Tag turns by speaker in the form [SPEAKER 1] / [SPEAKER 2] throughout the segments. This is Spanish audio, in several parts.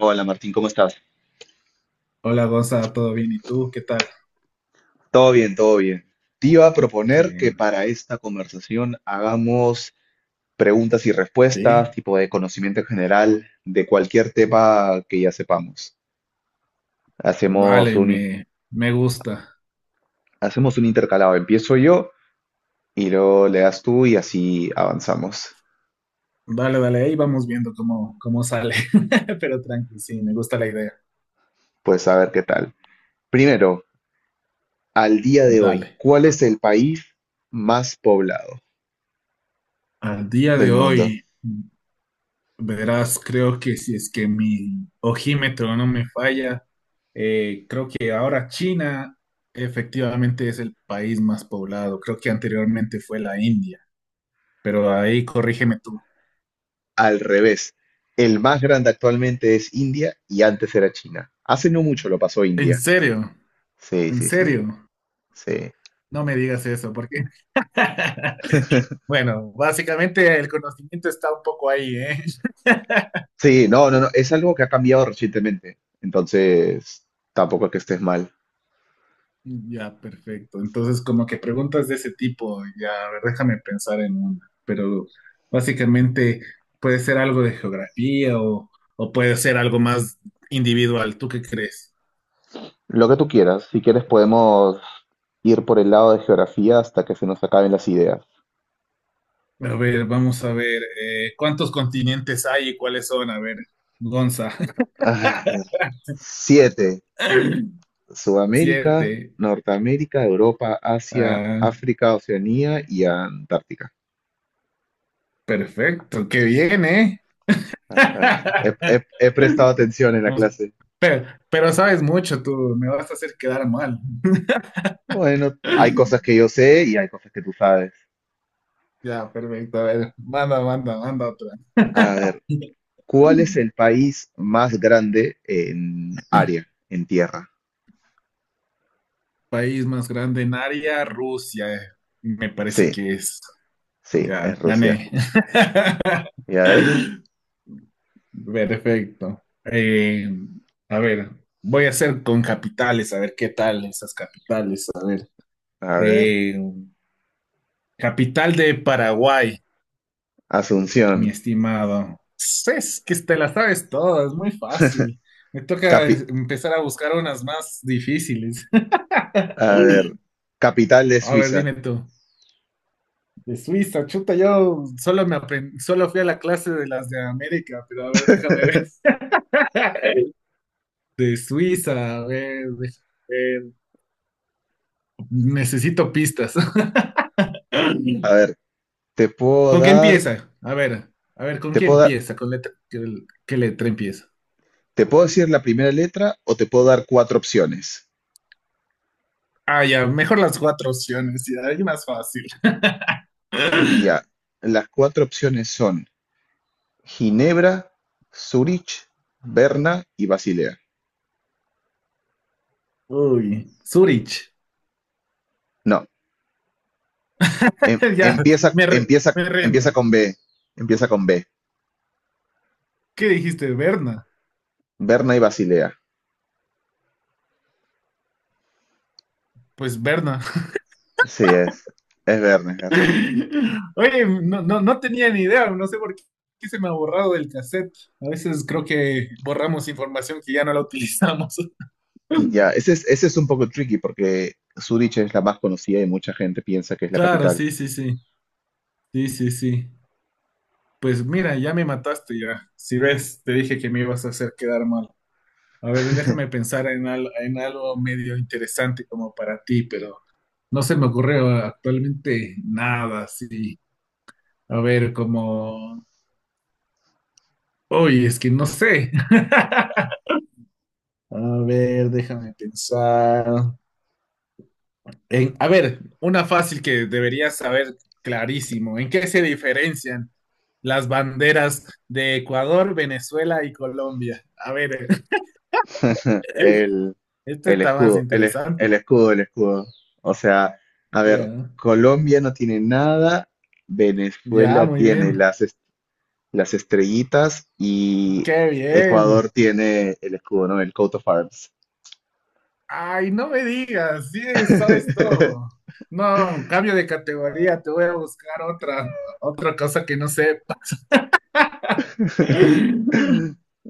[SPEAKER 1] Hola Martín, ¿cómo estás?
[SPEAKER 2] Hola Gonza, ¿todo bien? ¿Y tú? ¿Qué tal?
[SPEAKER 1] Todo bien, todo bien. Te iba a proponer
[SPEAKER 2] Eh,
[SPEAKER 1] que para esta conversación hagamos preguntas y respuestas,
[SPEAKER 2] sí,
[SPEAKER 1] tipo de conocimiento general, de cualquier tema que ya sepamos. Hacemos
[SPEAKER 2] dale,
[SPEAKER 1] un,
[SPEAKER 2] me gusta.
[SPEAKER 1] hacemos un intercalado. Empiezo yo y luego le das tú y así avanzamos.
[SPEAKER 2] Dale, dale, ahí vamos viendo cómo sale. Pero tranqui, sí, me gusta la idea.
[SPEAKER 1] Pues a ver qué tal. Primero, al día de hoy,
[SPEAKER 2] Dale.
[SPEAKER 1] ¿cuál es el país más poblado
[SPEAKER 2] Al día de
[SPEAKER 1] del mundo?
[SPEAKER 2] hoy, verás, creo que si es que mi ojímetro no me falla, creo que ahora China efectivamente es el país más poblado. Creo que anteriormente fue la India, pero ahí corrígeme tú.
[SPEAKER 1] Al revés. El más grande actualmente es India y antes era China. Hace no mucho lo pasó
[SPEAKER 2] ¿En
[SPEAKER 1] India.
[SPEAKER 2] serio?
[SPEAKER 1] Sí,
[SPEAKER 2] ¿En
[SPEAKER 1] sí, sí,
[SPEAKER 2] serio?
[SPEAKER 1] sí.
[SPEAKER 2] No me digas eso, porque Bueno, básicamente el conocimiento está un poco ahí, ¿eh?
[SPEAKER 1] Sí, no, no, no, es algo que ha cambiado recientemente. Entonces, tampoco es que estés mal.
[SPEAKER 2] Ya, perfecto. Entonces, como que preguntas de ese tipo, ya, a ver, déjame pensar en una, pero básicamente puede ser algo de geografía o puede ser algo más individual. ¿Tú qué crees?
[SPEAKER 1] Lo que tú quieras, si quieres podemos ir por el lado de geografía hasta que se nos acaben las ideas.
[SPEAKER 2] A ver, vamos a ver, ¿cuántos continentes hay y cuáles son? A ver, Gonza.
[SPEAKER 1] Ay, siete. Sudamérica,
[SPEAKER 2] Siete.
[SPEAKER 1] Norteamérica, Europa, Asia,
[SPEAKER 2] Ah,
[SPEAKER 1] África, Oceanía y Antártica.
[SPEAKER 2] perfecto, qué bien, ¿eh?
[SPEAKER 1] Ajá, eso. He, he- he prestado atención en la
[SPEAKER 2] Nos-
[SPEAKER 1] clase.
[SPEAKER 2] pero sabes mucho tú, me vas a hacer quedar mal.
[SPEAKER 1] Bueno, hay cosas que yo sé y hay cosas que tú sabes.
[SPEAKER 2] Ya, perfecto. A ver, manda otra.
[SPEAKER 1] A ver, ¿cuál es el país más grande en área, en tierra?
[SPEAKER 2] País más grande en área, Rusia, me
[SPEAKER 1] Sí,
[SPEAKER 2] parece que es.
[SPEAKER 1] sí, es
[SPEAKER 2] Ya,
[SPEAKER 1] Rusia.
[SPEAKER 2] gané.
[SPEAKER 1] ¿Ya ves?
[SPEAKER 2] Perfecto. A ver, voy a hacer con capitales, a ver qué tal esas capitales.
[SPEAKER 1] A ver,
[SPEAKER 2] Eh, capital de Paraguay. Mi
[SPEAKER 1] Asunción.
[SPEAKER 2] estimado, pues, es que te la sabes todas, es muy fácil. Me toca
[SPEAKER 1] Capi-
[SPEAKER 2] empezar a buscar unas más difíciles.
[SPEAKER 1] a ver, capital de
[SPEAKER 2] A ver,
[SPEAKER 1] Suiza.
[SPEAKER 2] dime tú. De Suiza, chuta, yo solo me aprendí, solo fui a la clase de las de América, pero a ver, déjame ver. De Suiza, a ver, déjame ver. Necesito pistas.
[SPEAKER 1] Te puedo
[SPEAKER 2] ¿Con qué
[SPEAKER 1] dar,
[SPEAKER 2] empieza? A ver, ¿con
[SPEAKER 1] te
[SPEAKER 2] qué
[SPEAKER 1] puedo dar-
[SPEAKER 2] empieza? ¿Qué letra empieza?
[SPEAKER 1] Te puedo decir la primera letra o te puedo dar cuatro opciones.
[SPEAKER 2] Ah, ya, mejor las cuatro opciones, ya, hay más fácil.
[SPEAKER 1] Ya, las cuatro opciones son Ginebra, Zúrich, Berna y Basilea.
[SPEAKER 2] Uy, Zurich.
[SPEAKER 1] No, em-
[SPEAKER 2] Ya,
[SPEAKER 1] empieza,
[SPEAKER 2] me, re-
[SPEAKER 1] empieza,
[SPEAKER 2] me
[SPEAKER 1] empieza
[SPEAKER 2] rindo.
[SPEAKER 1] con B. Empieza con B.
[SPEAKER 2] ¿Qué dijiste, Berna?
[SPEAKER 1] Berna y Basilea.
[SPEAKER 2] Pues Berna.
[SPEAKER 1] Sí, es. Es Berna, es Berna.
[SPEAKER 2] Oye, no, no, no tenía ni idea, no sé por qué se me ha borrado del cassette. A veces creo que borramos información que ya no la utilizamos.
[SPEAKER 1] Ya, ese es un poco tricky porque Zúrich es la más conocida y mucha gente piensa que es la
[SPEAKER 2] Claro,
[SPEAKER 1] capital.
[SPEAKER 2] sí, sí, sí. Sí, sí, sí. Pues mira, ya me mataste ya. Si ves, te dije que me ibas a hacer quedar mal. A ver, déjame pensar en algo medio interesante como para ti, pero no se me ocurre actualmente nada así. A ver, como... Oye, es que no sé. A ver, déjame pensar. A ver, una fácil que deberías saber clarísimo. ¿En qué se diferencian las banderas de Ecuador, Venezuela y Colombia? A ver,
[SPEAKER 1] El,
[SPEAKER 2] este está más interesante.
[SPEAKER 1] el escudo, el escudo. O sea, a ver,
[SPEAKER 2] Ya.
[SPEAKER 1] Colombia no tiene nada,
[SPEAKER 2] Ya,
[SPEAKER 1] Venezuela
[SPEAKER 2] muy
[SPEAKER 1] tiene
[SPEAKER 2] bien.
[SPEAKER 1] las estrellitas y
[SPEAKER 2] Qué bien.
[SPEAKER 1] Ecuador tiene el escudo, ¿no? El coat of arms.
[SPEAKER 2] Ay, no me digas, sí, sabes todo. No, cambio de categoría, te voy a buscar otra cosa que no sepa.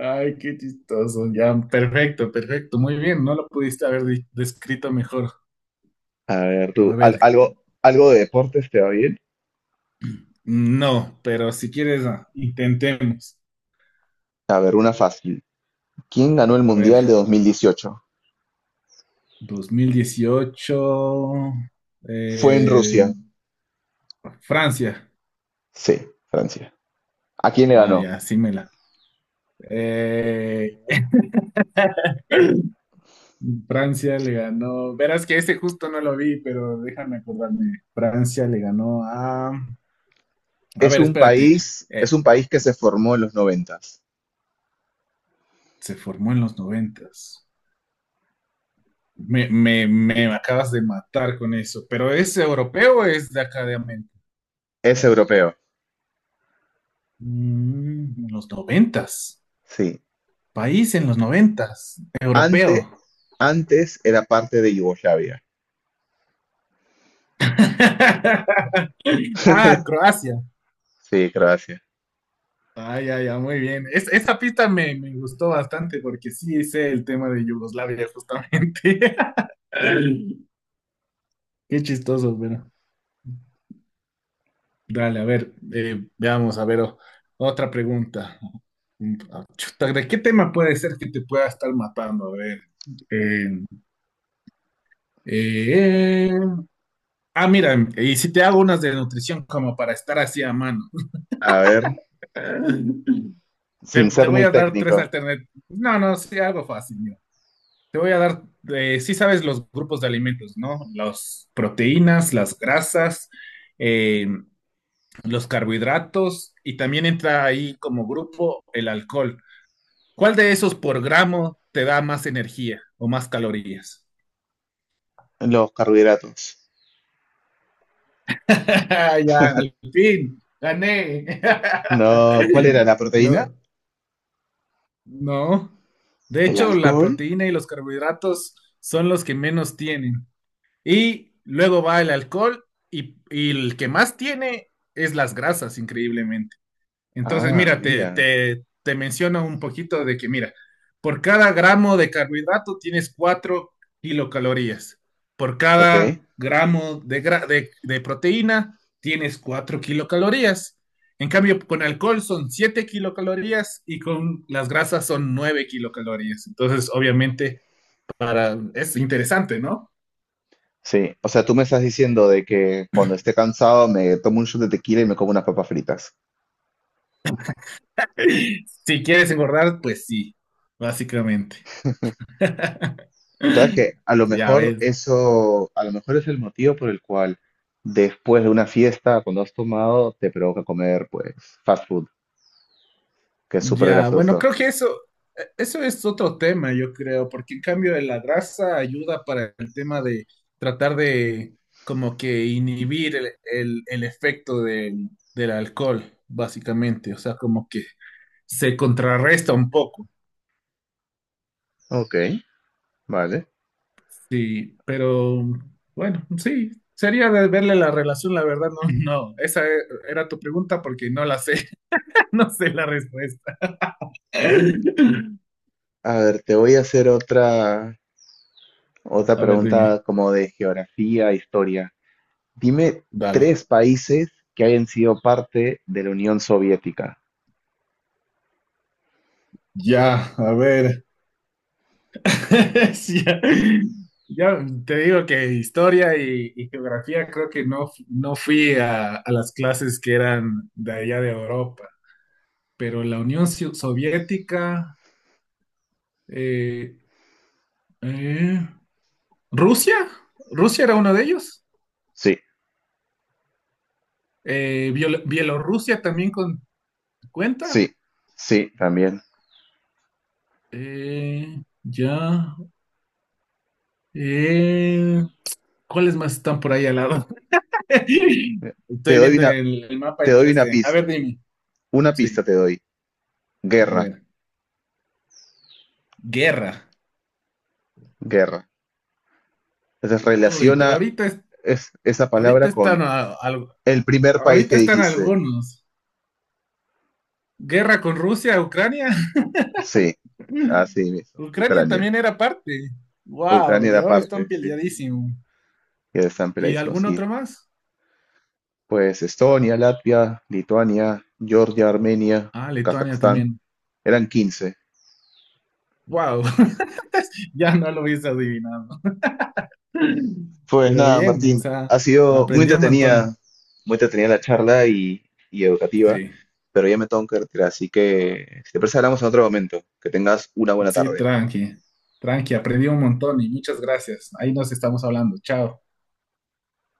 [SPEAKER 2] Ay, qué chistoso, ya, perfecto, perfecto, muy bien, no lo pudiste haber descrito mejor.
[SPEAKER 1] A ver,
[SPEAKER 2] A
[SPEAKER 1] tú,
[SPEAKER 2] ver,
[SPEAKER 1] algo de deportes te va bien.
[SPEAKER 2] no, pero si quieres, intentemos.
[SPEAKER 1] A ver, una fácil. ¿Quién ganó el
[SPEAKER 2] A ver,
[SPEAKER 1] Mundial de 2018?
[SPEAKER 2] 2018,
[SPEAKER 1] Fue en
[SPEAKER 2] eh,
[SPEAKER 1] Rusia.
[SPEAKER 2] Francia.
[SPEAKER 1] Sí, Francia. ¿A quién le
[SPEAKER 2] Ah,
[SPEAKER 1] ganó?
[SPEAKER 2] ya, sí me la. Eh, Francia le ganó. Verás que ese justo no lo vi, pero déjame acordarme. Francia le ganó a. A ver, espérate. Eh,
[SPEAKER 1] Es un país que se formó en los noventas.
[SPEAKER 2] se formó en los noventas. Me acabas de matar con eso. ¿Pero es europeo o es de acá de América?
[SPEAKER 1] Es europeo.
[SPEAKER 2] En los noventas.
[SPEAKER 1] Sí.
[SPEAKER 2] País en los noventas.
[SPEAKER 1] Ante-
[SPEAKER 2] Europeo.
[SPEAKER 1] Antes era parte de Yugoslavia.
[SPEAKER 2] Ah, Croacia.
[SPEAKER 1] Sí, Croacia.
[SPEAKER 2] Ah, ya, ya, muy bien. Esa pista me gustó bastante porque sí sé el tema de Yugoslavia, justamente. Qué chistoso, bueno. Dale, a ver, veamos, a ver, otra pregunta. Mm, ah, chuta, ¿de qué tema puede ser que te pueda estar matando? A ver. eh, eh, mira, y si te hago unas de nutrición como para estar así a mano.
[SPEAKER 1] A ver,
[SPEAKER 2] Te,
[SPEAKER 1] sin
[SPEAKER 2] te
[SPEAKER 1] ser
[SPEAKER 2] voy
[SPEAKER 1] muy
[SPEAKER 2] a dar tres
[SPEAKER 1] técnico,
[SPEAKER 2] alternativas. No, no, sí, algo fácil, mira. Te voy a dar, sí sabes los grupos de alimentos, ¿no? Las proteínas, las grasas, eh, los carbohidratos y también entra ahí como grupo el alcohol. ¿Cuál de esos por gramo te da más energía o más calorías?
[SPEAKER 1] los carbohidratos.
[SPEAKER 2] Ya, al fin, gané.
[SPEAKER 1] No, ¿cuál era? ¿La proteína?
[SPEAKER 2] Lo- no. De
[SPEAKER 1] ¿El
[SPEAKER 2] hecho, la
[SPEAKER 1] alcohol?
[SPEAKER 2] proteína y los carbohidratos son los que menos tienen. Y luego va el alcohol y el que más tiene es las grasas, increíblemente. Entonces,
[SPEAKER 1] Ah,
[SPEAKER 2] mira, te,
[SPEAKER 1] mira,
[SPEAKER 2] te, te menciono un poquito de que, mira, por cada gramo de carbohidrato tienes 4 kilocalorías. Por cada
[SPEAKER 1] ok.
[SPEAKER 2] gramo de proteína tienes 4 kilocalorías. En cambio, con alcohol son 7 kilocalorías y con las grasas son 9 kilocalorías. Entonces, obviamente, para, es interesante, ¿no?
[SPEAKER 1] Sí, o sea, tú me estás diciendo de que cuando esté cansado me tomo un shot de tequila y me como unas papas fritas.
[SPEAKER 2] Si quieres engordar, pues sí, básicamente.
[SPEAKER 1] ¿Sabes que a lo
[SPEAKER 2] Ya
[SPEAKER 1] mejor
[SPEAKER 2] ves.
[SPEAKER 1] eso, a lo mejor es el motivo por el cual después de una fiesta, cuando has tomado, te provoca comer, pues, fast food, que es súper
[SPEAKER 2] Ya, bueno,
[SPEAKER 1] grasoso.
[SPEAKER 2] creo que eso es otro tema, yo creo, porque en cambio la grasa ayuda para el tema de tratar de como que inhibir el efecto del alcohol, básicamente, o sea, como que se contrarresta un poco,
[SPEAKER 1] Ok, vale.
[SPEAKER 2] sí, pero bueno, sí, sería de verle la relación, la verdad, no, no, esa era tu pregunta porque no la sé, no sé la respuesta.
[SPEAKER 1] A ver, te voy a hacer otra, otra
[SPEAKER 2] A ver, dime,
[SPEAKER 1] pregunta como de geografía, historia. Dime
[SPEAKER 2] dale.
[SPEAKER 1] 3 países que hayan sido parte de la Unión Soviética.
[SPEAKER 2] Ya, a ver. Sí, ya, ya te digo que historia y geografía creo que no fui a las clases que eran de allá de Europa, pero la Unión Soviética, eh, eh, Rusia, Rusia era uno de ellos.
[SPEAKER 1] Sí,
[SPEAKER 2] Bielorrusia también cuenta.
[SPEAKER 1] sí, sí, también.
[SPEAKER 2] Ya, eh, ¿cuáles más están por ahí al lado?
[SPEAKER 1] Te
[SPEAKER 2] Estoy
[SPEAKER 1] doy
[SPEAKER 2] viendo
[SPEAKER 1] una,
[SPEAKER 2] el mapa
[SPEAKER 1] te
[SPEAKER 2] en
[SPEAKER 1] doy
[SPEAKER 2] tres
[SPEAKER 1] una
[SPEAKER 2] d A
[SPEAKER 1] pista.
[SPEAKER 2] ver, dime,
[SPEAKER 1] Una pista
[SPEAKER 2] sí,
[SPEAKER 1] te doy.
[SPEAKER 2] a
[SPEAKER 1] Guerra,
[SPEAKER 2] ver. Guerra.
[SPEAKER 1] guerra. Entonces
[SPEAKER 2] Uy, pero
[SPEAKER 1] relaciona
[SPEAKER 2] ahorita,
[SPEAKER 1] esa
[SPEAKER 2] ahorita
[SPEAKER 1] palabra con
[SPEAKER 2] están
[SPEAKER 1] el primer país que
[SPEAKER 2] ahorita están
[SPEAKER 1] dijiste.
[SPEAKER 2] algunos. Guerra con Rusia, Ucrania.
[SPEAKER 1] Sí, así mismo.
[SPEAKER 2] Ucrania
[SPEAKER 1] Ucrania.
[SPEAKER 2] también era parte. Wow,
[SPEAKER 1] Ucrania
[SPEAKER 2] y
[SPEAKER 1] era
[SPEAKER 2] ahora están
[SPEAKER 1] parte, sí.
[SPEAKER 2] peleadísimo.
[SPEAKER 1] Y el
[SPEAKER 2] ¿Y
[SPEAKER 1] samplaísmo,
[SPEAKER 2] algún
[SPEAKER 1] sí.
[SPEAKER 2] otro más?
[SPEAKER 1] Pues Estonia, Latvia, Lituania, Georgia, Armenia,
[SPEAKER 2] Ah, Lituania
[SPEAKER 1] Kazajstán.
[SPEAKER 2] también.
[SPEAKER 1] Eran 15.
[SPEAKER 2] Wow, ya no lo hubiese adivinado.
[SPEAKER 1] Pues
[SPEAKER 2] Pero
[SPEAKER 1] nada,
[SPEAKER 2] bien, o
[SPEAKER 1] Martín,
[SPEAKER 2] sea,
[SPEAKER 1] ha sido
[SPEAKER 2] aprendí un montón.
[SPEAKER 1] muy entretenida la charla y educativa,
[SPEAKER 2] Sí,
[SPEAKER 1] pero ya me tengo que retirar, así que si te parece hablamos en otro momento. Que tengas una buena
[SPEAKER 2] sí,
[SPEAKER 1] tarde.
[SPEAKER 2] tranqui. Tranqui, aprendí un montón y muchas gracias. Ahí nos estamos hablando. Chao.